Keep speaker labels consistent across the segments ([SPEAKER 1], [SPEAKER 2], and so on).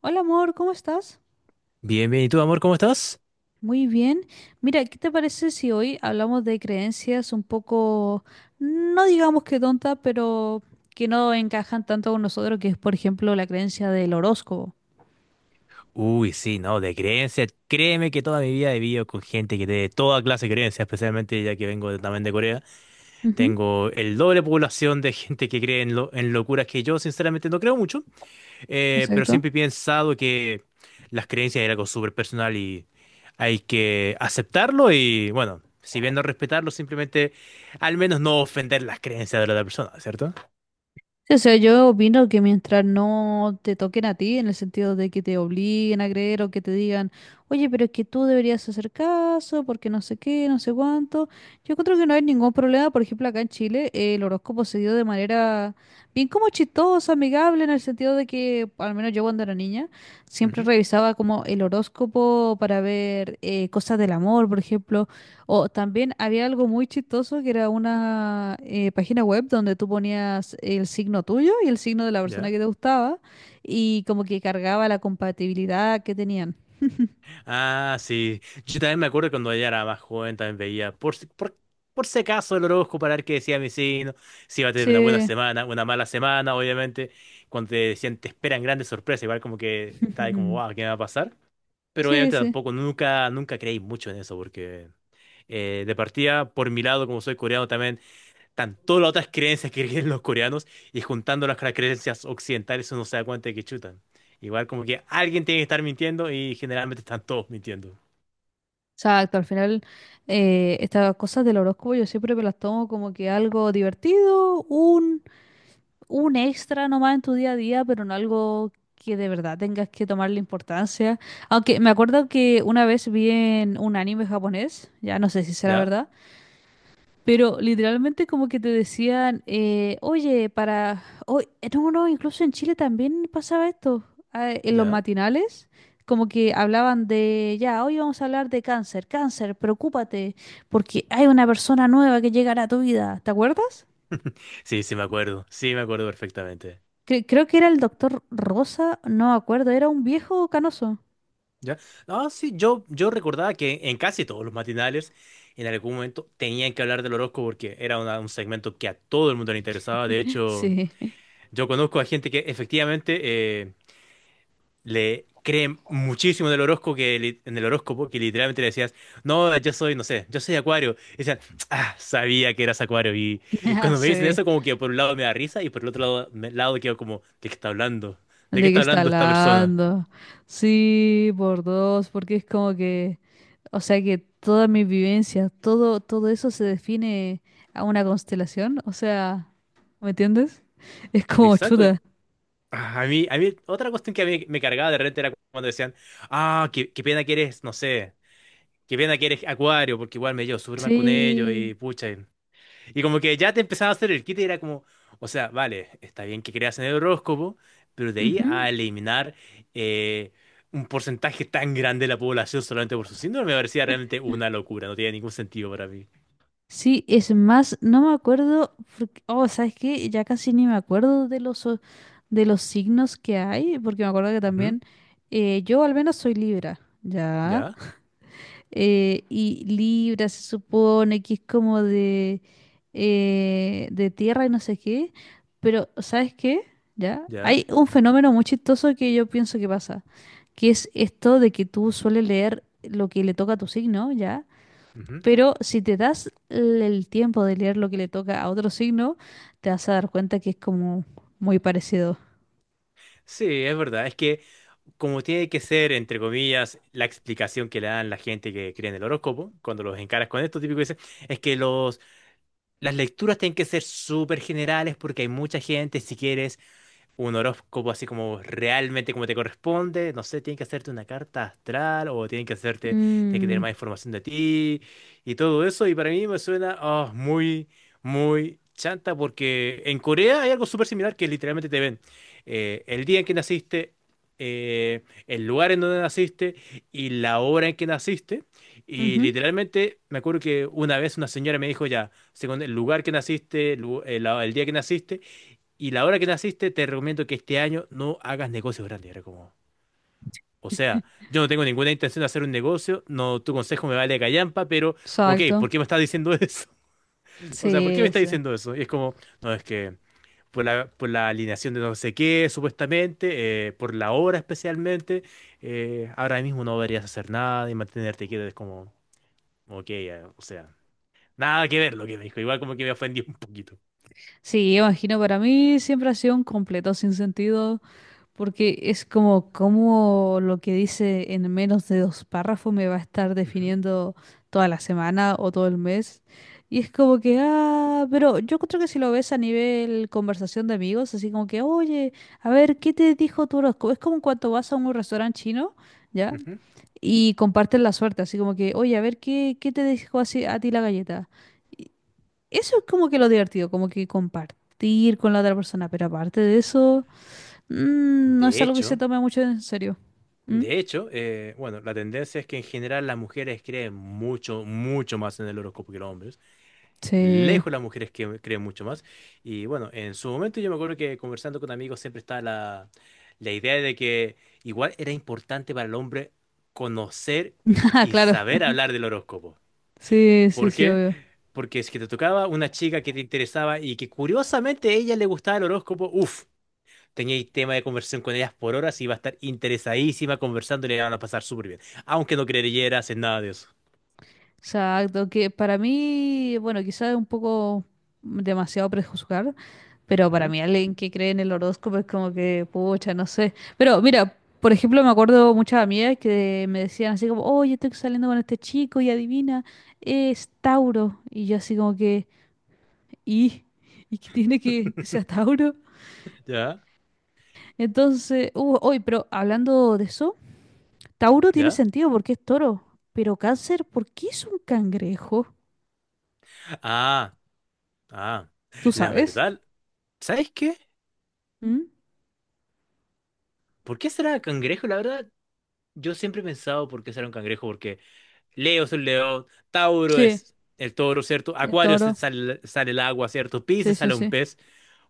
[SPEAKER 1] Hola amor, ¿cómo estás?
[SPEAKER 2] Bien, bien. ¿Y tú, amor, cómo estás?
[SPEAKER 1] Muy bien. Mira, ¿qué te parece si hoy hablamos de creencias un poco, no digamos que tontas, pero que no encajan tanto con nosotros, que es por ejemplo la creencia del horóscopo?
[SPEAKER 2] Uy, sí, no, de creencias. Créeme que toda mi vida he vivido con gente que tiene toda clase de creencias, especialmente ya que vengo también de Corea.
[SPEAKER 1] Ujú.
[SPEAKER 2] Tengo el doble población de gente que cree en locuras que yo, sinceramente, no creo mucho. Pero
[SPEAKER 1] Exacto.
[SPEAKER 2] siempre he pensado que las creencias era algo súper personal y hay que aceptarlo y, bueno, si bien no respetarlo, simplemente al menos no ofender las creencias de la otra persona, ¿cierto?
[SPEAKER 1] Sí, o sea, yo opino que mientras no te toquen a ti, en el sentido de que te obliguen a creer o que te digan, oye, pero es que tú deberías hacer caso porque no sé qué, no sé cuánto, yo creo que no hay ningún problema. Por ejemplo, acá en Chile el horóscopo se dio de manera bien como chistosa, amigable, en el sentido de que, al menos yo cuando era niña, siempre
[SPEAKER 2] Ujú.
[SPEAKER 1] revisaba como el horóscopo para ver cosas del amor, por ejemplo. O también había algo muy chistoso que era una página web donde tú ponías el signo tuyo y el signo de la persona
[SPEAKER 2] Ya.
[SPEAKER 1] que te gustaba y como que cargaba la compatibilidad que tenían.
[SPEAKER 2] Ah, sí. Yo también me acuerdo cuando ella era más joven, también veía por si acaso el horóscopo para ver qué decía mi signo, si iba a tener una buena
[SPEAKER 1] Sí,
[SPEAKER 2] semana, una mala semana, obviamente. Cuando te decían te esperan grandes sorpresas, igual como que está ahí como, wow, ¿qué me va a pasar? Pero
[SPEAKER 1] sí,
[SPEAKER 2] obviamente
[SPEAKER 1] sí.
[SPEAKER 2] tampoco, nunca, nunca creí mucho en eso, porque de partida, por mi lado, como soy coreano también, están todas las otras creencias que creen los coreanos y juntándolas con las creencias occidentales uno se da cuenta de que chutan. Igual como que alguien tiene que estar mintiendo y generalmente están todos mintiendo.
[SPEAKER 1] Exacto, al final estas cosas del horóscopo yo siempre me las tomo como que algo divertido, un extra nomás en tu día a día, pero no algo que de verdad tengas que tomarle importancia. Aunque me acuerdo que una vez vi en un anime japonés, ya no sé si será
[SPEAKER 2] ¿Ya?
[SPEAKER 1] verdad, pero literalmente como que te decían, oye, para... oye, no, no, incluso en Chile también pasaba esto, ah, en los
[SPEAKER 2] ¿Ya?
[SPEAKER 1] matinales. Como que hablaban de, ya, hoy vamos a hablar de cáncer, cáncer, preocúpate, porque hay una persona nueva que llegará a tu vida, ¿te acuerdas?
[SPEAKER 2] Sí, sí me acuerdo perfectamente.
[SPEAKER 1] Creo que era el doctor Rosa, no me acuerdo, era un viejo canoso.
[SPEAKER 2] ¿Ya? No, sí, yo recordaba que en casi todos los matinales en algún momento tenían que hablar del horóscopo porque era un segmento que a todo el mundo le interesaba. De hecho,
[SPEAKER 1] Sí,
[SPEAKER 2] yo conozco a gente que efectivamente... eh, le creen muchísimo del horóscopo que en el horóscopo que literalmente le decías, no, yo soy, no sé, yo soy Acuario. Y decían, ah, sabía que eras Acuario. Y
[SPEAKER 1] ya
[SPEAKER 2] cuando me dicen
[SPEAKER 1] sé
[SPEAKER 2] eso, como que por un lado me da risa y por el otro lado, lado quedo como, ¿de qué está hablando? ¿De qué
[SPEAKER 1] de qué
[SPEAKER 2] está
[SPEAKER 1] está
[SPEAKER 2] hablando esta persona?
[SPEAKER 1] hablando. Sí, por dos, porque es como que, o sea que toda mi vivencia, todo eso se define a una constelación, o sea, ¿me entiendes? Es como
[SPEAKER 2] Exacto. yo-
[SPEAKER 1] chuda.
[SPEAKER 2] ah, A mí, a mí, otra cuestión que a mí me cargaba de repente era cuando decían, qué pena que eres, no sé, qué pena que eres Acuario, porque igual me llevo súper mal con ellos y
[SPEAKER 1] Sí.
[SPEAKER 2] pucha. Y como que ya te empezaba a hacer el kit y era como, o sea, vale, está bien que creas en el horóscopo, pero de ahí
[SPEAKER 1] Ujú.
[SPEAKER 2] a eliminar eh, un porcentaje tan grande de la población solamente por su síndrome me parecía realmente una locura, no tenía ningún sentido para mí.
[SPEAKER 1] Sí, es más, no me acuerdo, oh, ¿sabes qué? Ya casi ni me acuerdo de de los signos que hay, porque me acuerdo que
[SPEAKER 2] Ujú.
[SPEAKER 1] también yo al menos soy Libra, ¿ya?
[SPEAKER 2] Ya,
[SPEAKER 1] Y Libra se supone que es como de tierra y no sé qué, pero ¿sabes qué? ¿Ya?
[SPEAKER 2] ya.
[SPEAKER 1] Hay un fenómeno muy chistoso que yo pienso que pasa, que es esto de que tú sueles leer lo que le toca a tu signo, ¿ya?
[SPEAKER 2] Ujú.
[SPEAKER 1] Pero si te das el tiempo de leer lo que le toca a otro signo, te vas a dar cuenta que es como muy parecido.
[SPEAKER 2] Sí, es verdad, es que como tiene que ser, entre comillas, la explicación que le dan la gente que cree en el horóscopo, cuando los encaras con esto, típico dicen, es que las lecturas tienen que ser súper generales porque hay mucha gente, si quieres un horóscopo así como realmente como te corresponde. No sé, tienen que hacerte una carta astral o tienen que tener
[SPEAKER 1] Mm,
[SPEAKER 2] más información de ti y todo eso. Y para mí me suena muy, muy chanta porque en Corea hay algo súper similar que literalmente te ven el día en que naciste. El lugar en donde naciste y la hora en que naciste. Y
[SPEAKER 1] ujú,
[SPEAKER 2] literalmente me acuerdo que una vez una señora me dijo ya, según el lugar que naciste, el día que naciste, y la hora que naciste, te recomiendo que este año no hagas negocios grandes. Era como, o sea, yo no tengo ninguna intención de hacer un negocio, no, tu consejo me vale callampa, pero, ok,
[SPEAKER 1] exacto.
[SPEAKER 2] ¿por qué me estás diciendo eso? O sea, ¿por qué me
[SPEAKER 1] Sí,
[SPEAKER 2] estás
[SPEAKER 1] sí.
[SPEAKER 2] diciendo eso? Y es como, no, es que por la alineación de no sé qué, supuestamente, por la hora especialmente, ahora mismo no deberías hacer nada y mantenerte quieto. Es como, ok, o sea, nada que ver lo que me dijo. Igual como que me ofendió un poquito.
[SPEAKER 1] Sí, imagino para mí siempre ha sido un completo sin sentido. Porque es como, como lo que dice en menos de dos párrafos me va a estar
[SPEAKER 2] Ujú,
[SPEAKER 1] definiendo toda la semana o todo el mes. Y es como que, ah, pero yo creo que si lo ves a nivel conversación de amigos, así como que, oye, a ver, ¿qué te dijo tu horóscopo? Es como cuando vas a un restaurante chino, ¿ya?
[SPEAKER 2] ujú.
[SPEAKER 1] Y comparten la suerte, así como que, oye, a ver, ¿qué te dijo así a ti la galleta? Eso es como que lo divertido, como que compartir con la otra persona, pero aparte de eso... Mm, no es
[SPEAKER 2] De
[SPEAKER 1] algo que se
[SPEAKER 2] hecho.
[SPEAKER 1] tome mucho en serio. ¿Mm?
[SPEAKER 2] De hecho, bueno, la tendencia es que en general las mujeres creen mucho, mucho más en el horóscopo que los hombres.
[SPEAKER 1] Sí.
[SPEAKER 2] Lejos las mujeres que creen mucho más. Y bueno, en su momento yo me acuerdo que conversando con amigos siempre estaba la idea de que igual era importante para el hombre conocer
[SPEAKER 1] Ah,
[SPEAKER 2] y
[SPEAKER 1] claro.
[SPEAKER 2] saber hablar del horóscopo.
[SPEAKER 1] Sí, sí,
[SPEAKER 2] ¿Por
[SPEAKER 1] sí,
[SPEAKER 2] qué?
[SPEAKER 1] obvio.
[SPEAKER 2] Porque si que te tocaba una chica que te interesaba y que curiosamente a ella le gustaba el horóscopo, uff. Teníais tema de conversación con ellas por horas y iba a estar interesadísima conversando y le iban a pasar súper bien. Aunque no creyeras en nada de eso.
[SPEAKER 1] Exacto, que para mí, bueno, quizás es un poco demasiado prejuzgar, pero para
[SPEAKER 2] Ujú.
[SPEAKER 1] mí alguien que cree en el horóscopo es como que, pucha, no sé. Pero mira, por ejemplo, me acuerdo muchas amigas que me decían así como, oye, estoy saliendo con este chico y adivina, es Tauro. Y yo así como que, ¿y? ¿Y qué tiene que sea Tauro?
[SPEAKER 2] ¿Ya?
[SPEAKER 1] Entonces, pero hablando de eso... Tauro tiene
[SPEAKER 2] ¿Ya?
[SPEAKER 1] sentido porque es toro, pero cáncer, ¿por qué es un cangrejo?
[SPEAKER 2] Ah, ah.
[SPEAKER 1] ¿Tú
[SPEAKER 2] La
[SPEAKER 1] sabes?
[SPEAKER 2] verdad, ¿sabes qué?
[SPEAKER 1] ¿Mm?
[SPEAKER 2] ¿Por qué será cangrejo? La verdad, yo siempre he pensado por qué será un cangrejo, porque Leo es un león, Tauro
[SPEAKER 1] Sí,
[SPEAKER 2] es el toro, ¿cierto?
[SPEAKER 1] es
[SPEAKER 2] Acuario se-
[SPEAKER 1] toro.
[SPEAKER 2] sale, sale el agua, ¿cierto?
[SPEAKER 1] Sí,
[SPEAKER 2] Piscis
[SPEAKER 1] sí,
[SPEAKER 2] sale un
[SPEAKER 1] sí.
[SPEAKER 2] pez.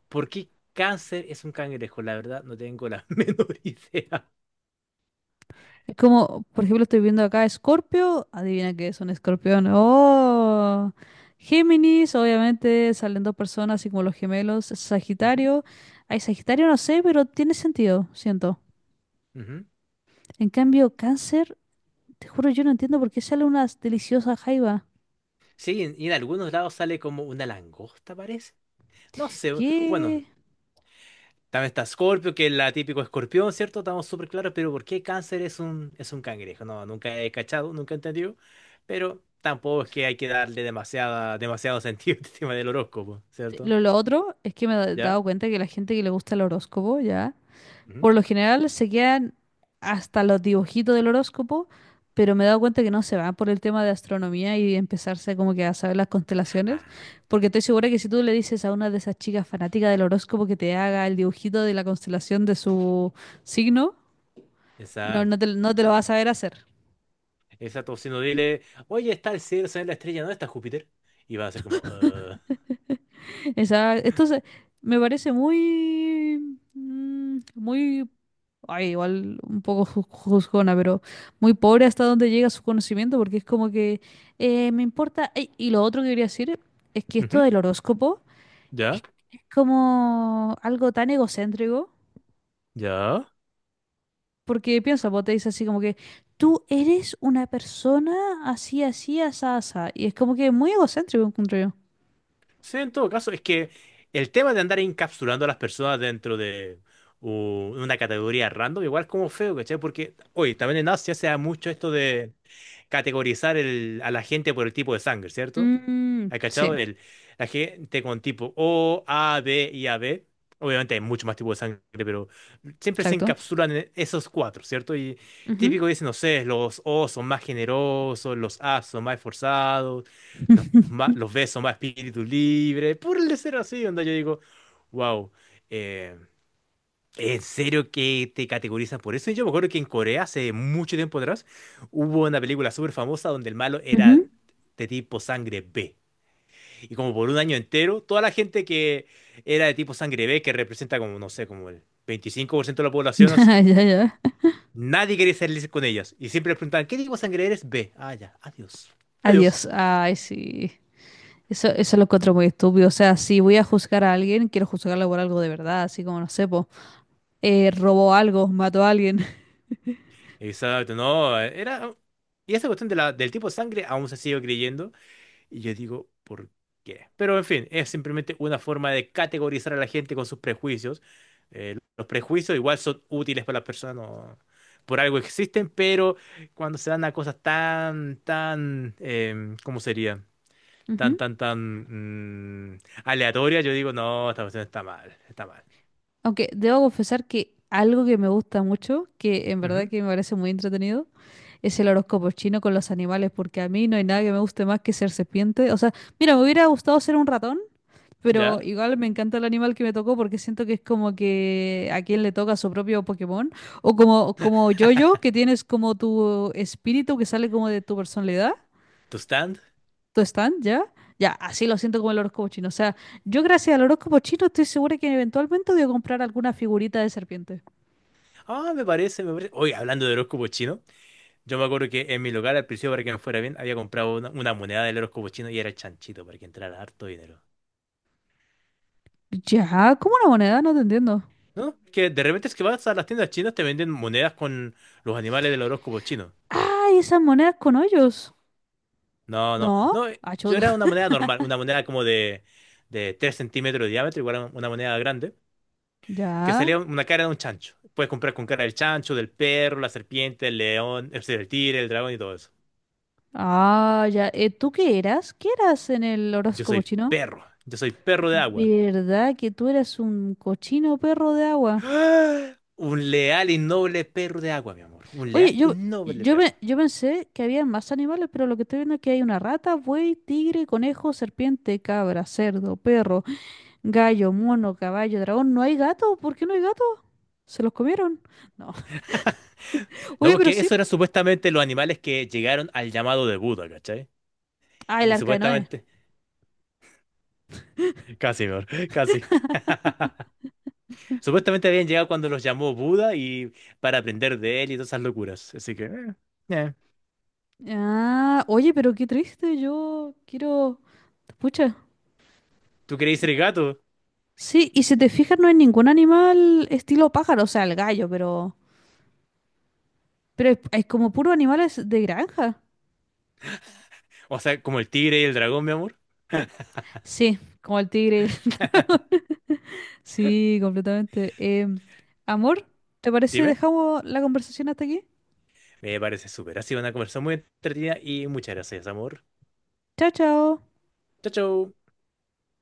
[SPEAKER 2] ¿Por qué cáncer es un cangrejo? La verdad, no tengo la menor idea.
[SPEAKER 1] Es como, por ejemplo, estoy viendo acá Escorpio. Adivina qué es un escorpión. ¡Oh! Géminis, obviamente, salen dos personas, así como los gemelos.
[SPEAKER 2] Ujú,
[SPEAKER 1] Sagitario. Ay, Sagitario no sé, pero tiene sentido, siento.
[SPEAKER 2] ujú.
[SPEAKER 1] En cambio, Cáncer, te juro, yo no entiendo por qué sale una deliciosa jaiba.
[SPEAKER 2] Sí, y en algunos lados sale como una langosta, parece. No sé, bueno,
[SPEAKER 1] ¿Qué?
[SPEAKER 2] también está Scorpio, que es la típico escorpión, ¿cierto? Estamos súper claros, pero ¿por qué cáncer es un cangrejo? No, nunca he cachado, nunca he entendido, pero tampoco es que hay que darle demasiado sentido al tema del horóscopo,
[SPEAKER 1] Sí,
[SPEAKER 2] ¿cierto?
[SPEAKER 1] lo otro es que me he dado
[SPEAKER 2] ¿Ya?
[SPEAKER 1] cuenta que la gente que le gusta el horóscopo, ya,
[SPEAKER 2] Ujú.
[SPEAKER 1] por lo general se quedan hasta los dibujitos del horóscopo, pero me he dado cuenta que no se van por el tema de astronomía y empezarse como que a saber las constelaciones,
[SPEAKER 2] Ah,
[SPEAKER 1] porque estoy segura que si tú le dices a una de esas chicas fanáticas del horóscopo que te haga el dibujito de la constelación de su signo, no,
[SPEAKER 2] exacto.
[SPEAKER 1] no te lo vas a saber hacer.
[SPEAKER 2] Exacto, si no dile, oye, está el cielo, se ve la estrella, ¿no está Júpiter? Y va a ser como,
[SPEAKER 1] Esa, entonces, me parece muy, mm, muy, ay, igual un poco juzgona, pero muy pobre hasta donde llega su conocimiento, porque es como que me importa. Ey, y lo otro que quería decir es que esto
[SPEAKER 2] ujú.
[SPEAKER 1] del horóscopo
[SPEAKER 2] ¿Ya?
[SPEAKER 1] es, es como algo tan egocéntrico,
[SPEAKER 2] ¿Ya?
[SPEAKER 1] porque piensa, vos te dice así como que tú eres una persona así, así, asá, asá, y es como que muy egocéntrico, encuentro yo.
[SPEAKER 2] Sí, en todo caso, es que el tema de andar encapsulando a las personas dentro de u- una categoría random, igual es como feo, ¿cachai? Porque, oye, también en Asia se da mucho esto de categorizar a la gente por el tipo de sangre, ¿cierto?
[SPEAKER 1] Mm,
[SPEAKER 2] ¿Has
[SPEAKER 1] sí,
[SPEAKER 2] cachado? La gente con tipo O, A, B y A B. Obviamente hay mucho más tipos de sangre, pero siempre se
[SPEAKER 1] exacto.
[SPEAKER 2] encapsulan en esos cuatro, ¿cierto? Y
[SPEAKER 1] Ujú.
[SPEAKER 2] típico dicen, no sé, los O son más generosos, los A son más esforzados los ves, son más espíritu libre, por el ser así, onda, yo digo, wow, eh, en serio que te categorizan por eso. Y yo me acuerdo que en Corea, hace mucho tiempo atrás, hubo una película súper famosa donde el malo era
[SPEAKER 1] Ujú.
[SPEAKER 2] de tipo sangre B. Y como por un año entero, toda la gente que era de tipo sangre B, que representa como, no sé, como el 25% de la población, así,
[SPEAKER 1] Ya, ya.
[SPEAKER 2] nadie quería salir con ellas. Y siempre les preguntaban, ¿qué tipo de sangre eres? B. Ah, ya, adiós. Adiós.
[SPEAKER 1] Adiós. Ay, sí. Eso lo encuentro muy estúpido. O sea, si voy a juzgar a alguien, quiero juzgarlo por algo de verdad, así como, no sé, po, robó algo, mató a alguien.
[SPEAKER 2] Exacto, no, era... Y esa cuestión del tipo de sangre aún se sigue creyendo. Y yo digo, ¿por qué? Pero en fin, es simplemente una forma de categorizar a la gente con sus prejuicios. Los prejuicios igual son útiles para las personas, por algo existen, pero cuando se dan a cosas tan, tan, ¿cómo sería? Tan,
[SPEAKER 1] Ujú.
[SPEAKER 2] tan, tan mm, aleatorias, yo digo, no, esta cuestión está mal, está mal.
[SPEAKER 1] Aunque debo confesar que algo que me gusta mucho, que en verdad
[SPEAKER 2] Ujú.
[SPEAKER 1] que me parece muy entretenido, es el horóscopo chino con los animales, porque a mí no hay nada que me guste más que ser serpiente. O sea, mira, me hubiera gustado ser un ratón, pero
[SPEAKER 2] ¿Ya?
[SPEAKER 1] igual me encanta el animal que me tocó porque siento que es como que a quien le toca su propio Pokémon. O como, como yo que tienes como tu espíritu que sale como de tu personalidad,
[SPEAKER 2] ¿Tu stand?
[SPEAKER 1] tu stand, ¿ya? Ya, así lo siento como el horóscopo chino. O sea, yo gracias al horóscopo chino estoy segura que eventualmente voy a comprar alguna figurita de serpiente.
[SPEAKER 2] Ah, me parece, me parece. Oye, hablando de horóscopo chino. Yo me acuerdo que en mi local, al principio, para que me fuera bien, había comprado una moneda del horóscopo chino y era el chanchito para que entrara harto dinero.
[SPEAKER 1] Ya, ¿como una moneda? No te entiendo.
[SPEAKER 2] ¿No? Es que de repente es que vas a las tiendas chinas, te venden monedas con los animales del horóscopo chino.
[SPEAKER 1] ¡Ay, esas monedas con hoyos!
[SPEAKER 2] No, no,
[SPEAKER 1] No,
[SPEAKER 2] no, yo
[SPEAKER 1] achuda.
[SPEAKER 2] era una moneda normal, una moneda como de 3 centímetros de diámetro, igual a una moneda grande, que
[SPEAKER 1] Ya.
[SPEAKER 2] salía una cara de un chancho. Puedes comprar con cara del chancho, del perro, la serpiente, el león, el tigre, el dragón y todo eso.
[SPEAKER 1] Ah, ya. ¿Tú qué eras? ¿Qué eras en el horóscopo chino?
[SPEAKER 2] Yo soy perro de agua.
[SPEAKER 1] ¿Verdad que tú eras un cochino perro de agua?
[SPEAKER 2] ¡Ah! Un leal y noble perro de agua, mi amor. Un
[SPEAKER 1] Oye,
[SPEAKER 2] leal y noble perro.
[SPEAKER 1] yo pensé que había más animales, pero lo que estoy viendo es que hay una rata, buey, tigre, conejo, serpiente, cabra, cerdo, perro, gallo, mono, caballo, dragón. ¿No hay gato? ¿Por qué no hay gato? ¿Se los comieron? No.
[SPEAKER 2] No,
[SPEAKER 1] Oye, pero
[SPEAKER 2] porque
[SPEAKER 1] sí.
[SPEAKER 2] eso eran supuestamente los animales que llegaron al llamado de Buda, ¿cachai?
[SPEAKER 1] Ah, el
[SPEAKER 2] Y
[SPEAKER 1] arca de Noé.
[SPEAKER 2] supuestamente... Casi, mi amor, casi. Supuestamente habían llegado cuando los llamó Buda y para aprender de él y todas esas locuras. Así que... eh.
[SPEAKER 1] Ah, oye, pero qué triste. Yo quiero... Pucha.
[SPEAKER 2] ¿Tú queréis ser gato?
[SPEAKER 1] Sí, y si te fijas, no hay ningún animal estilo pájaro, o sea, el gallo, pero... pero es como puro animales de granja.
[SPEAKER 2] O sea, como el tigre y el dragón, mi amor.
[SPEAKER 1] Sí, como el tigre y el dragón. Sí, completamente. Em, amor, ¿te parece
[SPEAKER 2] Dime.
[SPEAKER 1] dejamos la conversación hasta aquí?
[SPEAKER 2] Me parece súper. Ha sido una conversación muy entretenida y muchas gracias, amor.
[SPEAKER 1] Chao, chao.
[SPEAKER 2] Chao, chao.